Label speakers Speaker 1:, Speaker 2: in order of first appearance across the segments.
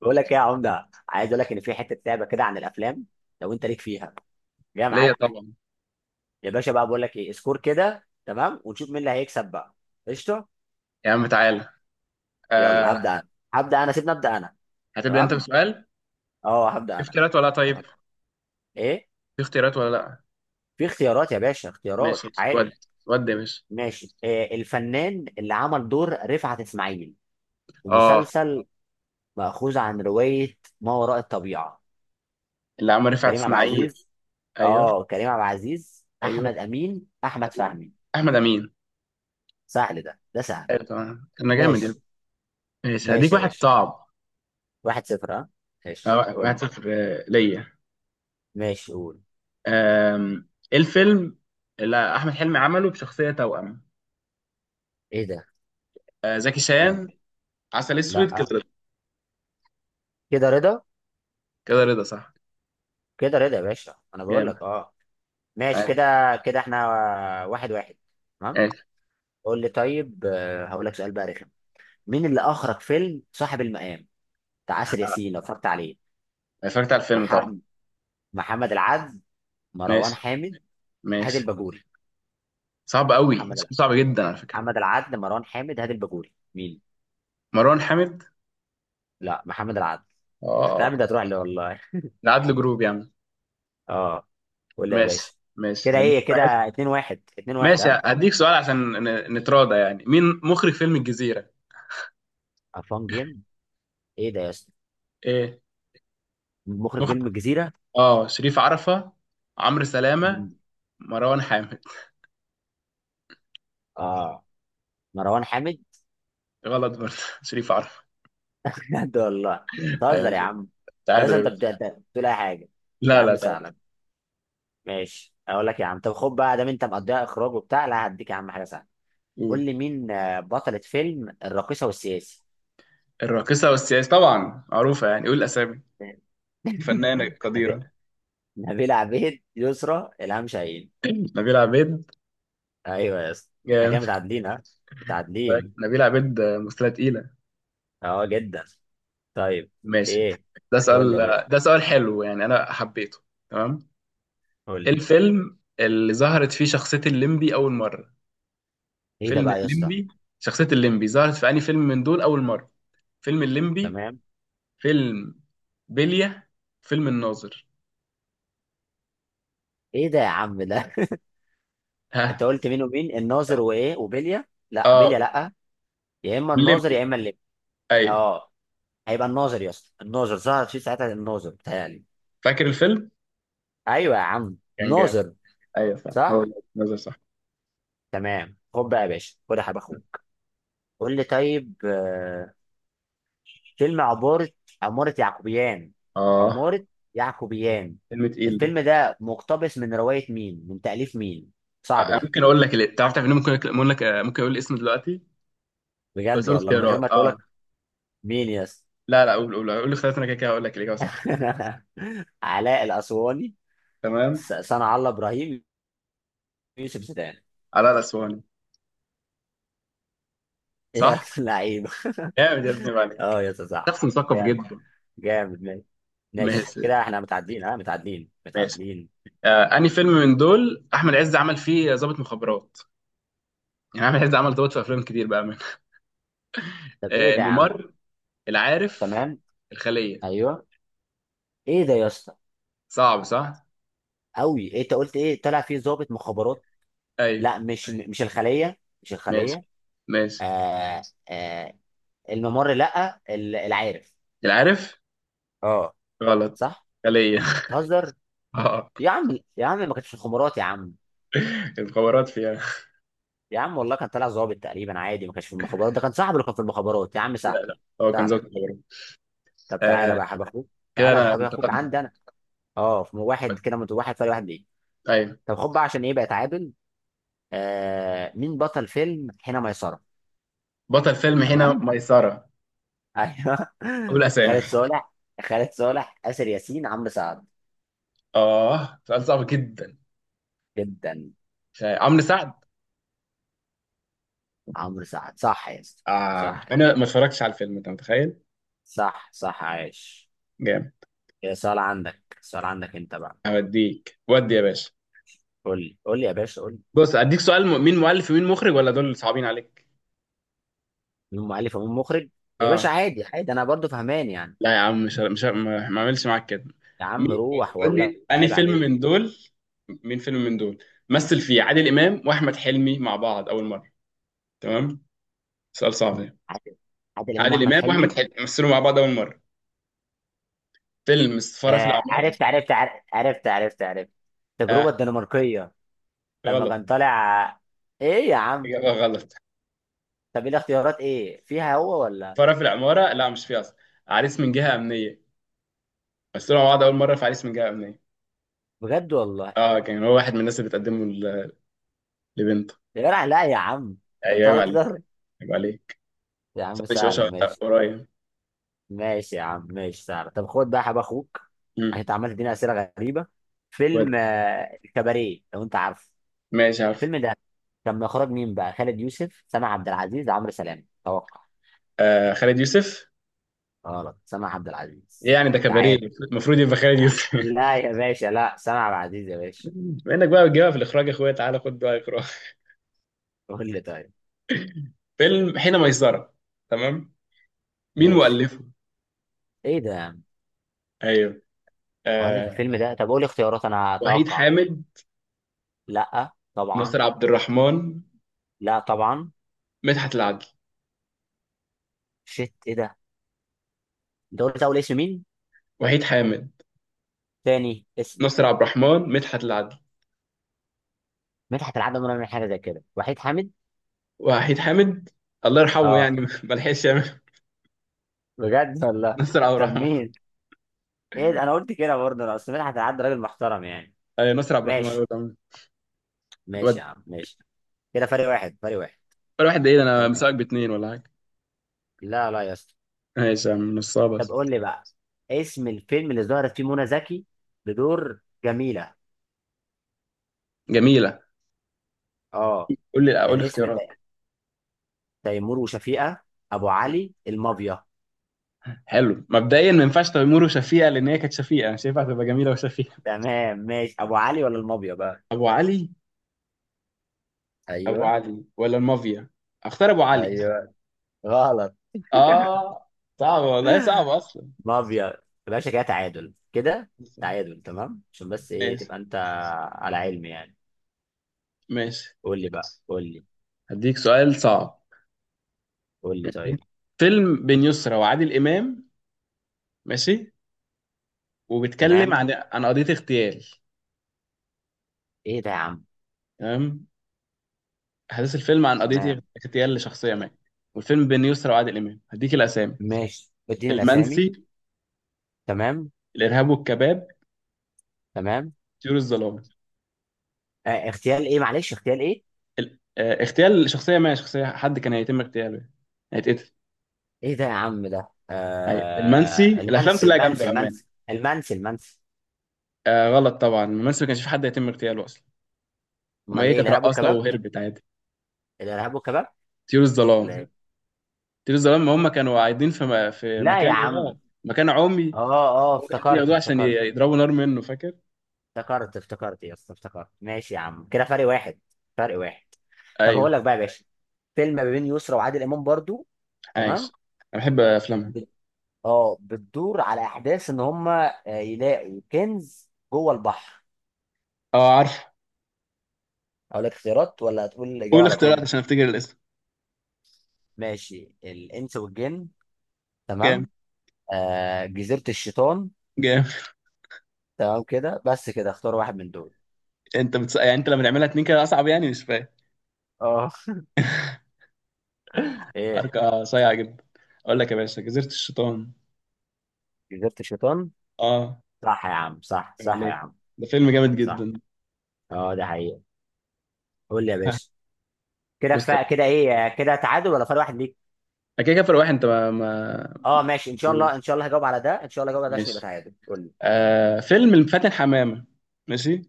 Speaker 1: بقول لك ايه يا عمده، عايز اقول لك ان في حته لعبه كده عن الافلام، لو انت ليك فيها جاي
Speaker 2: ليا
Speaker 1: معاك.
Speaker 2: طبعا.
Speaker 1: يا باشا بقى بقول لك ايه، سكور كده تمام ونشوف مين اللي هيكسب بقى. قشطه.
Speaker 2: يا عم تعالى.
Speaker 1: يلا
Speaker 2: آه
Speaker 1: هبدا انا. سيبني ابدا انا.
Speaker 2: هتبدأ انت
Speaker 1: تمام.
Speaker 2: بسؤال؟
Speaker 1: اه هبدا
Speaker 2: في
Speaker 1: انا.
Speaker 2: اختيارات ولا لا؟ طيب،
Speaker 1: تمام. ايه.
Speaker 2: في اختيارات ولا لا.
Speaker 1: في اختيارات يا باشا، اختيارات
Speaker 2: ماشي. ود،
Speaker 1: عادي.
Speaker 2: ود يا باشا.
Speaker 1: ماشي. إيه الفنان اللي عمل دور رفعت اسماعيل في
Speaker 2: اه،
Speaker 1: مسلسل مأخوذ عن روايه ما وراء الطبيعه؟
Speaker 2: اللي عمل رفعت
Speaker 1: كريم عبد
Speaker 2: اسماعيل.
Speaker 1: العزيز. اه،
Speaker 2: ايوه.
Speaker 1: كريم عبد العزيز،
Speaker 2: ايوه.
Speaker 1: احمد امين، احمد
Speaker 2: أيوة.
Speaker 1: فهمي.
Speaker 2: احمد امين.
Speaker 1: سهل، ده سهل.
Speaker 2: ايوه طبعا، انا جامد يا
Speaker 1: ماشي.
Speaker 2: ابني. ماشي، هديك
Speaker 1: ماشي يا
Speaker 2: واحد
Speaker 1: باشا.
Speaker 2: صعب.
Speaker 1: واحد صفر، اه. ماشي قول
Speaker 2: واحد
Speaker 1: لي.
Speaker 2: صفر، ليا.
Speaker 1: ماشي قول.
Speaker 2: ايه الفيلم اللي احمد حلمي عمله بشخصية توأم؟
Speaker 1: ايه ده؟
Speaker 2: زكي
Speaker 1: فين؟
Speaker 2: شان. عسل
Speaker 1: لا.
Speaker 2: اسود، كده رضا.
Speaker 1: كده رضا.
Speaker 2: كده رضا صح.
Speaker 1: كده رضا يا باشا، انا بقول
Speaker 2: جامد.
Speaker 1: لك. اه ماشي
Speaker 2: ايوه.
Speaker 1: كده. كده احنا واحد واحد. تمام.
Speaker 2: ايوه.
Speaker 1: قول لي طيب. هقول لك سؤال بقى رخم، مين اللي اخرج فيلم صاحب المقام بتاع آسر ياسين لو اتفرجت عليه؟
Speaker 2: اتفرجت على الفيلم طبعا.
Speaker 1: محمد. محمد العدل، مروان
Speaker 2: ماشي.
Speaker 1: حامد، هادي
Speaker 2: ماشي.
Speaker 1: الباجوري.
Speaker 2: صعب قوي،
Speaker 1: محمد العدل.
Speaker 2: صعب جدا على فكرة.
Speaker 1: محمد العدل، مروان حامد، هادي الباجوري، مين؟
Speaker 2: مروان حامد.
Speaker 1: لا، محمد العدل.
Speaker 2: اه،
Speaker 1: تعمل ده هتروح لي والله.
Speaker 2: العدل جروب يا عم.
Speaker 1: اه. قول لي يا
Speaker 2: ماشي،
Speaker 1: باشا.
Speaker 2: ماشي،
Speaker 1: كده
Speaker 2: هديك
Speaker 1: ايه
Speaker 2: واحد.
Speaker 1: كده، 2 1 2 1،
Speaker 2: ماشي،
Speaker 1: ها.
Speaker 2: هديك سؤال عشان نتراضى يعني. مين مخرج فيلم الجزيرة؟
Speaker 1: فان جيم. ايه ده يا اسطى؟
Speaker 2: ايه؟
Speaker 1: مخرج فيلم
Speaker 2: مخرج.
Speaker 1: الجزيره.
Speaker 2: اه، شريف عرفة. عمرو سلامة.
Speaker 1: مم.
Speaker 2: مروان حامد.
Speaker 1: اه، مروان حامد.
Speaker 2: غلط برضه شريف عرفة.
Speaker 1: بجد والله.
Speaker 2: ايوه.
Speaker 1: بتهزر يا عم. يا
Speaker 2: تعادل
Speaker 1: اسطى
Speaker 2: يا
Speaker 1: انت
Speaker 2: باشا.
Speaker 1: أنت بتقول اي حاجه. يا
Speaker 2: لا لا،
Speaker 1: عم
Speaker 2: تعادل.
Speaker 1: سهلا. ماشي اقول لك يا عم. طب خد بقى ده، انت مقضيها اخراج وبتاع، لا هديك يا عم حاجه سهله. قول
Speaker 2: قول.
Speaker 1: لي مين بطلة فيلم الراقصه والسياسي.
Speaker 2: الراقصة والسياسي طبعا معروفة، يعني قول أسامي. فنانة
Speaker 1: نبيل
Speaker 2: قديرة.
Speaker 1: نبيلة عبيد، يسرى، إلهام شاهين.
Speaker 2: نبيلة عبيد.
Speaker 1: ايوه يا اسطى، احنا كده
Speaker 2: جامد.
Speaker 1: متعادلين، ها؟ متعادلين.
Speaker 2: نبيلة عبيد ممثلة تقيلة.
Speaker 1: اه جدا. طيب.
Speaker 2: ماشي.
Speaker 1: ايه.
Speaker 2: ده
Speaker 1: قول لي
Speaker 2: سؤال،
Speaker 1: يا باشا.
Speaker 2: ده سؤال حلو، يعني انا حبيته. تمام.
Speaker 1: قول
Speaker 2: ايه
Speaker 1: لي.
Speaker 2: الفيلم اللي ظهرت فيه شخصية الليمبي اول مرة؟
Speaker 1: ايه ده
Speaker 2: فيلم
Speaker 1: بقى يا اسطى؟
Speaker 2: الليمبي. شخصية الليمبي ظهرت في أي فيلم من دول اول مرة؟ فيلم الليمبي.
Speaker 1: تمام.
Speaker 2: فيلم بلية. فيلم الناظر.
Speaker 1: ايه ده يا عم ده؟ انت
Speaker 2: ها؟
Speaker 1: قلت مين؟ ومين الناظر وايه وبيليا؟ لا
Speaker 2: اه،
Speaker 1: بيليا لا. يا اما الناظر
Speaker 2: الليمبي.
Speaker 1: يا اما اللي.
Speaker 2: ايوه.
Speaker 1: اه، هيبقى الناظر يا اسطى. الناظر ظهر في ساعتها، الناظر بتهيألي.
Speaker 2: فاكر الفيلم؟
Speaker 1: ايوه يا عم،
Speaker 2: كان جامد.
Speaker 1: الناظر.
Speaker 2: ايوه فعلا، هو
Speaker 1: صح.
Speaker 2: ده. الناظر صح.
Speaker 1: تمام خد بقى يا باشا، خد يا حبيب اخوك. قول لي طيب. فيلم عمارة، عمارة يعقوبيان.
Speaker 2: اه.
Speaker 1: عمارة يعقوبيان،
Speaker 2: فيلم تقيل ده.
Speaker 1: الفيلم ده مقتبس من رواية مين؟ من تأليف مين؟ صعب ده.
Speaker 2: ممكن اقول لك ليه؟ تعرف، تعرف إن أنا ممكن، اقول لك، ممكن اقول الاسم دلوقتي. بس
Speaker 1: بجد
Speaker 2: اقول
Speaker 1: والله من غير ما
Speaker 2: اختيارات،
Speaker 1: تقولك.
Speaker 2: اه.
Speaker 1: مين يس.
Speaker 2: لا لا، قول، قول، قول الاختيارات. انا كده كده هقول لك الاجابه صح.
Speaker 1: علاء الأسواني،
Speaker 2: تمام.
Speaker 1: صنع الله إبراهيم، يوسف زيدان.
Speaker 2: علاء الاسواني.
Speaker 1: يا
Speaker 2: صح.
Speaker 1: لعيبة.
Speaker 2: جامد يا ابني، عيب عليك.
Speaker 1: اه يا صح.
Speaker 2: شخص مثقف
Speaker 1: جامد.
Speaker 2: جدا.
Speaker 1: جامد ماشي. ماشي
Speaker 2: ماشي.
Speaker 1: كده احنا متعادلين، ها؟ متعادلين
Speaker 2: ماشي.
Speaker 1: متعادلين.
Speaker 2: آه، انهي فيلم من دول احمد عز عمل فيه ضابط مخابرات؟ يعني احمد عز عمل ضابط في افلام كتير بقى، من:
Speaker 1: طب ايه
Speaker 2: آه،
Speaker 1: ده يا عم؟
Speaker 2: الممر، العارف،
Speaker 1: تمام.
Speaker 2: الخليه.
Speaker 1: ايوه. ايه ده يا اسطى؟
Speaker 2: صعب صح؟
Speaker 1: قوي. إيه انت قلت ايه؟ طلع فيه ضابط مخابرات.
Speaker 2: ايوه.
Speaker 1: لا، مش الخليه، مش
Speaker 2: ماشي.
Speaker 1: الخليه.
Speaker 2: ماشي.
Speaker 1: آه. آه. الممر، لا، العارف.
Speaker 2: العارف.
Speaker 1: اه.
Speaker 2: غلط.
Speaker 1: صح.
Speaker 2: خليه.
Speaker 1: تهزر.
Speaker 2: اه.
Speaker 1: يا عم يا عم، ما كانش في الخبرات يا عم.
Speaker 2: المخابرات فيها.
Speaker 1: يا عم والله كان طالع ظابط تقريبا عادي، ما كانش في المخابرات، ده كان صاحبه اللي كان في المخابرات يا عم.
Speaker 2: لا
Speaker 1: سهل.
Speaker 2: لا، هو كان ضابط
Speaker 1: سهل.
Speaker 2: مخابرات.
Speaker 1: طب تعالى
Speaker 2: آه،
Speaker 1: بقى يا حبيب اخوك.
Speaker 2: كده
Speaker 1: تعالى يا
Speaker 2: انا
Speaker 1: حبيب اخوك
Speaker 2: متقدم.
Speaker 1: عندي انا. اه، في واحد كده، من واحد فرق واحد، ليه؟
Speaker 2: ايوه.
Speaker 1: طب خد بقى، عشان ايه بقى اتعادل. آه مين بطل فيلم حين ميسرة؟
Speaker 2: بطل فيلم هنا
Speaker 1: تمام.
Speaker 2: ميسره.
Speaker 1: ايوه.
Speaker 2: قول اسامي.
Speaker 1: خالد صالح. خالد صالح، آسر ياسين، عمرو سعد.
Speaker 2: اه، سؤال صعب جدا.
Speaker 1: جدا.
Speaker 2: عمرو سعد.
Speaker 1: عمرو سعد صح يا اسطى؟
Speaker 2: آه
Speaker 1: صح.
Speaker 2: انا ما اتفرجتش على الفيلم، انت متخيل.
Speaker 1: صح صح، عايش.
Speaker 2: جامد.
Speaker 1: يا سؤال عندك، سؤال عندك انت بقى.
Speaker 2: هوديك ودي يا باشا.
Speaker 1: قول لي، قول لي يا باشا، قول لي.
Speaker 2: بص، اديك سؤال. مين مؤلف ومين مخرج، ولا دول صعبين عليك؟
Speaker 1: من ام الف ام مخرج؟ يا باشا
Speaker 2: اه.
Speaker 1: عادي عادي، انا برضو فهمان يعني.
Speaker 2: لا يا عم، مش ه- مش ه- ما اعملش معاك كده.
Speaker 1: يا عم
Speaker 2: مين؟ بص،
Speaker 1: روح
Speaker 2: قول
Speaker 1: والله
Speaker 2: لي انهي
Speaker 1: عيب
Speaker 2: فيلم
Speaker 1: عليك.
Speaker 2: من دول، مين فيلم من دول مثل فيه عادل امام واحمد حلمي مع بعض اول مره. تمام. سؤال صعب ده.
Speaker 1: عادل. عادل امام
Speaker 2: عادل
Speaker 1: واحمد
Speaker 2: امام واحمد
Speaker 1: حلمي.
Speaker 2: حلمي مثلوا مع بعض اول مره فيلم السفاره في
Speaker 1: آه
Speaker 2: العماره.
Speaker 1: عرفت عرفت عرفت عرفت عرفت. التجربه
Speaker 2: آه
Speaker 1: الدنماركيه. لما
Speaker 2: غلط.
Speaker 1: كان طالع. ايه يا عم؟
Speaker 2: اجابه غلط.
Speaker 1: طب ايه الاختيارات، ايه فيها هو ولا؟
Speaker 2: فرع في العمارة لا مش فيه أصلا. عريس من جهة أمنية. بس طلعوا مع بعض أول مرة في عريس من جهة أمنية.
Speaker 1: بجد والله.
Speaker 2: أه، كان هو واحد من الناس اللي بتقدمه لبنته.
Speaker 1: يا جدع لا يا عم. انت
Speaker 2: أيوة عيب عليك.
Speaker 1: بتهزر.
Speaker 2: عيب عليك.
Speaker 1: يا عم
Speaker 2: صاحبي شباشة
Speaker 1: سهله
Speaker 2: ولا
Speaker 1: ماشي.
Speaker 2: قريب.
Speaker 1: ماشي يا عم ماشي، سهله. طب خد بقى يا حب اخوك، عشان
Speaker 2: أمم،
Speaker 1: انت عمال تديني اسئله غريبه.
Speaker 2: ود.
Speaker 1: فيلم الكباريه لو انت عارفه.
Speaker 2: ماشي عارف.
Speaker 1: فيلم ده كان من اخراج مين بقى؟ خالد يوسف، سامع عبد العزيز، عمرو سلام. توقع.
Speaker 2: آه، خالد يوسف.
Speaker 1: غلط. سامع عبد
Speaker 2: إيه
Speaker 1: العزيز.
Speaker 2: يعني ده كباريه؟
Speaker 1: تعادل.
Speaker 2: المفروض يبقى خالد يوسف
Speaker 1: لا يا باشا، لا، سامع عبد العزيز يا باشا.
Speaker 2: بما إنك بقى بتجيبها في الإخراج يا أخويا، تعالى خد بقى إخراج.
Speaker 1: قول لي طيب.
Speaker 2: فيلم حين ميسرة، تمام. مين
Speaker 1: ماشي.
Speaker 2: مؤلفه؟
Speaker 1: ايه ده يا عم؟
Speaker 2: أيوه.
Speaker 1: مؤلف
Speaker 2: آه.
Speaker 1: الفيلم ده؟ طب قول لي اختيارات انا
Speaker 2: وحيد
Speaker 1: اتوقع.
Speaker 2: حامد.
Speaker 1: لا
Speaker 2: ناصر
Speaker 1: طبعا.
Speaker 2: عبد الرحمن.
Speaker 1: لا طبعا.
Speaker 2: مدحت العدل.
Speaker 1: شيت ايه ده. انت قلت اول اسم مين؟
Speaker 2: وحيد حامد.
Speaker 1: تاني اسم؟
Speaker 2: ناصر عبد الرحمن. مدحت العدل.
Speaker 1: مدحت العدل ولا من حاجه زي كده، وحيد حامد.
Speaker 2: وحيد حامد. الله يرحمه
Speaker 1: اه.
Speaker 2: يعني ما لحقش يعمل.
Speaker 1: بجد والله.
Speaker 2: نصر عبد
Speaker 1: طب
Speaker 2: الرحمن.
Speaker 1: مين؟ ايه ده؟ انا قلت كده برضه، انا اصل مدحت العدل راجل محترم يعني.
Speaker 2: ايوه، نصر عبد الرحمن هو اللي
Speaker 1: ماشي.
Speaker 2: عمل.
Speaker 1: ماشي
Speaker 2: ودي.
Speaker 1: يا عم ماشي. كده فرق واحد، فرق واحد.
Speaker 2: ولا واحد؟ دقيقة، انا
Speaker 1: تمام.
Speaker 2: مساك باتنين ولا حاجة.
Speaker 1: لا لا يا اسطى.
Speaker 2: ماشي يا عم، نصها
Speaker 1: طب
Speaker 2: بس.
Speaker 1: قول لي بقى، اسم الفيلم اللي ظهرت فيه منى زكي بدور جميلة.
Speaker 2: جميلة.
Speaker 1: اه.
Speaker 2: قول لي، قول
Speaker 1: كان
Speaker 2: لي
Speaker 1: اسم
Speaker 2: اختيارات.
Speaker 1: تيمور وشفيقة، ابو علي، المافيا.
Speaker 2: حلو. مبدئيا ما ينفعش تيمور وشفيقة، لان هي كانت شفيقة، مش هينفع تبقى جميلة وشفيقة.
Speaker 1: تمام ماشي. ابو علي ولا المافيا بقى؟
Speaker 2: ابو علي. ابو
Speaker 1: ايوه.
Speaker 2: علي ولا المافيا. اختار ابو علي.
Speaker 1: ايوه. غلط.
Speaker 2: اه. صعب والله، هي صعبة اصلا.
Speaker 1: مافيا يا باشا. كده تعادل كده. تعادل تمام عشان بس ايه،
Speaker 2: ماشي.
Speaker 1: تبقى انت على علم يعني.
Speaker 2: ماشي،
Speaker 1: قول لي بقى. قول لي.
Speaker 2: هديك سؤال صعب.
Speaker 1: قول لي طيب.
Speaker 2: فيلم بين يسرا وعادل امام. ماشي. وبيتكلم
Speaker 1: تمام.
Speaker 2: عن قضية اغتيال.
Speaker 1: ايه ده يا عم؟
Speaker 2: تمام. أحداث الفيلم عن قضية
Speaker 1: تمام.
Speaker 2: اغتيال لشخصية ما، والفيلم بين يسرا وعادل إمام. هديك الأسامي:
Speaker 1: ماشي، اديني الاسامي.
Speaker 2: المنسي،
Speaker 1: تمام.
Speaker 2: الإرهاب والكباب،
Speaker 1: تمام.
Speaker 2: طيور الظلام.
Speaker 1: آه اغتيال ايه، معلش اغتيال ايه؟
Speaker 2: ال... آه، اغتيال لشخصية ما، شخصية حد كان هيتم اغتياله يعني، هيتقتل.
Speaker 1: ايه ده يا عم ده؟
Speaker 2: المنسي.
Speaker 1: آه
Speaker 2: الأفلام
Speaker 1: المنسي،
Speaker 2: كلها جامدة
Speaker 1: المنسي،
Speaker 2: بأمان.
Speaker 1: المنسي. المنسي المنسي.
Speaker 2: آه غلط طبعا، المنسي ما كانش في حد هيتم اغتياله أصلا. هما
Speaker 1: امال
Speaker 2: إيه،
Speaker 1: ايه
Speaker 2: كانت
Speaker 1: الارهاب
Speaker 2: رقاصة
Speaker 1: والكباب؟
Speaker 2: وهربت عادي.
Speaker 1: الارهاب والكباب.
Speaker 2: طيور
Speaker 1: لا
Speaker 2: الظلام.
Speaker 1: إيه؟
Speaker 2: طيور الظلام، هم كانوا قاعدين في، في
Speaker 1: لا يا
Speaker 2: مكان يا
Speaker 1: عم.
Speaker 2: مكان عمي.
Speaker 1: اه. اه
Speaker 2: هم كانوا عايزين
Speaker 1: افتكرت
Speaker 2: ياخدوه عشان
Speaker 1: افتكرت.
Speaker 2: يضربوا نار منه، فاكر؟
Speaker 1: افتكرت. افتكرت يا اسطى، افتكرت. ماشي يا عم كده فرق واحد، فرق واحد. طب هقول
Speaker 2: ايوه.
Speaker 1: لك بقى يا باشا، فيلم ما بين يسرا وعادل امام برضو.
Speaker 2: عايز.
Speaker 1: تمام.
Speaker 2: انا بحب افلامها.
Speaker 1: بت... اه بتدور على احداث ان هم يلاقوا كنز جوه البحر.
Speaker 2: اه عارف.
Speaker 1: اقول لك اختيارات ولا هتقول الاجابه
Speaker 2: قول
Speaker 1: على
Speaker 2: اختيارات
Speaker 1: طول؟
Speaker 2: عشان افتكر الاسم.
Speaker 1: ماشي، الانس والجن.
Speaker 2: جامد.
Speaker 1: تمام. آه جزيرة الشيطان.
Speaker 2: جامد.
Speaker 1: تمام كده، بس كده اختار واحد من دول.
Speaker 2: انت بتس... يعني انت لما تعملها اتنين كده اصعب، يعني مش فاهم.
Speaker 1: اه. ايه.
Speaker 2: حركه صايعه جدا. اقول لك يا باشا، جزيره الشيطان.
Speaker 1: جزيرة الشيطان.
Speaker 2: اه.
Speaker 1: صح يا عم صح،
Speaker 2: فاهم
Speaker 1: صح يا
Speaker 2: عليه.
Speaker 1: عم
Speaker 2: ده فيلم جامد
Speaker 1: صح.
Speaker 2: جدا.
Speaker 1: اه ده حقيقة. قول لي يا باشا. كده
Speaker 2: بص طب.
Speaker 1: فا كده ايه، كده تعادل ولا فرق واحد ليك؟
Speaker 2: أنا كده كده فرق واحد، انت ما.
Speaker 1: اه ماشي ان شاء الله، ان شاء الله هجاوب على ده، ان شاء الله هجاوب على ده عشان يبقى
Speaker 2: ماشي.
Speaker 1: تعادل. قول لي.
Speaker 2: آه، فيلم الفاتن حمامه. ماشي.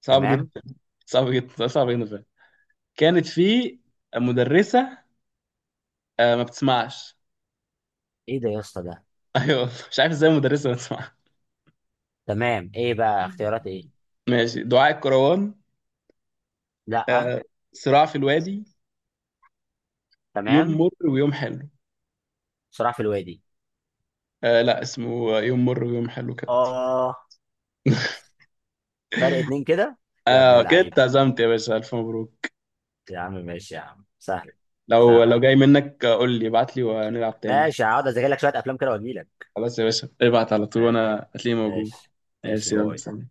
Speaker 2: صعب جدا.
Speaker 1: تمام.
Speaker 2: صعب جدا فعلا. كانت في مدرسه، آه ما بتسمعش.
Speaker 1: ايه ده يا اسطى ده؟
Speaker 2: ايوه. مش عارف ازاي مدرسه ما بتسمعش.
Speaker 1: تمام. ايه بقى اختيارات ايه؟
Speaker 2: ماشي، دعاء الكروان.
Speaker 1: لا.
Speaker 2: آه، صراع في الوادي. يوم
Speaker 1: تمام.
Speaker 2: مر ويوم حلو.
Speaker 1: صراع في الوادي.
Speaker 2: آه لا، اسمه يوم مر ويوم حلو كابتن.
Speaker 1: اه. فرق اتنين كده. يا ابن
Speaker 2: آه كده
Speaker 1: اللعيبة.
Speaker 2: اتعزمت يا باشا، ألف مبروك.
Speaker 1: يا عم ماشي، يا عم سهل.
Speaker 2: لو
Speaker 1: سهل يا
Speaker 2: لو
Speaker 1: عم.
Speaker 2: جاي منك، قول لي، ابعت لي ونلعب تاني.
Speaker 1: ماشي، هقعد اذاكر لك شويه افلام كده واجي لك.
Speaker 2: خلاص يا باشا، ابعت على طول
Speaker 1: ماشي.
Speaker 2: وأنا هتلاقيني موجود.
Speaker 1: ماشي. ماشي،
Speaker 2: ماشي، يلا
Speaker 1: باي.
Speaker 2: سلام.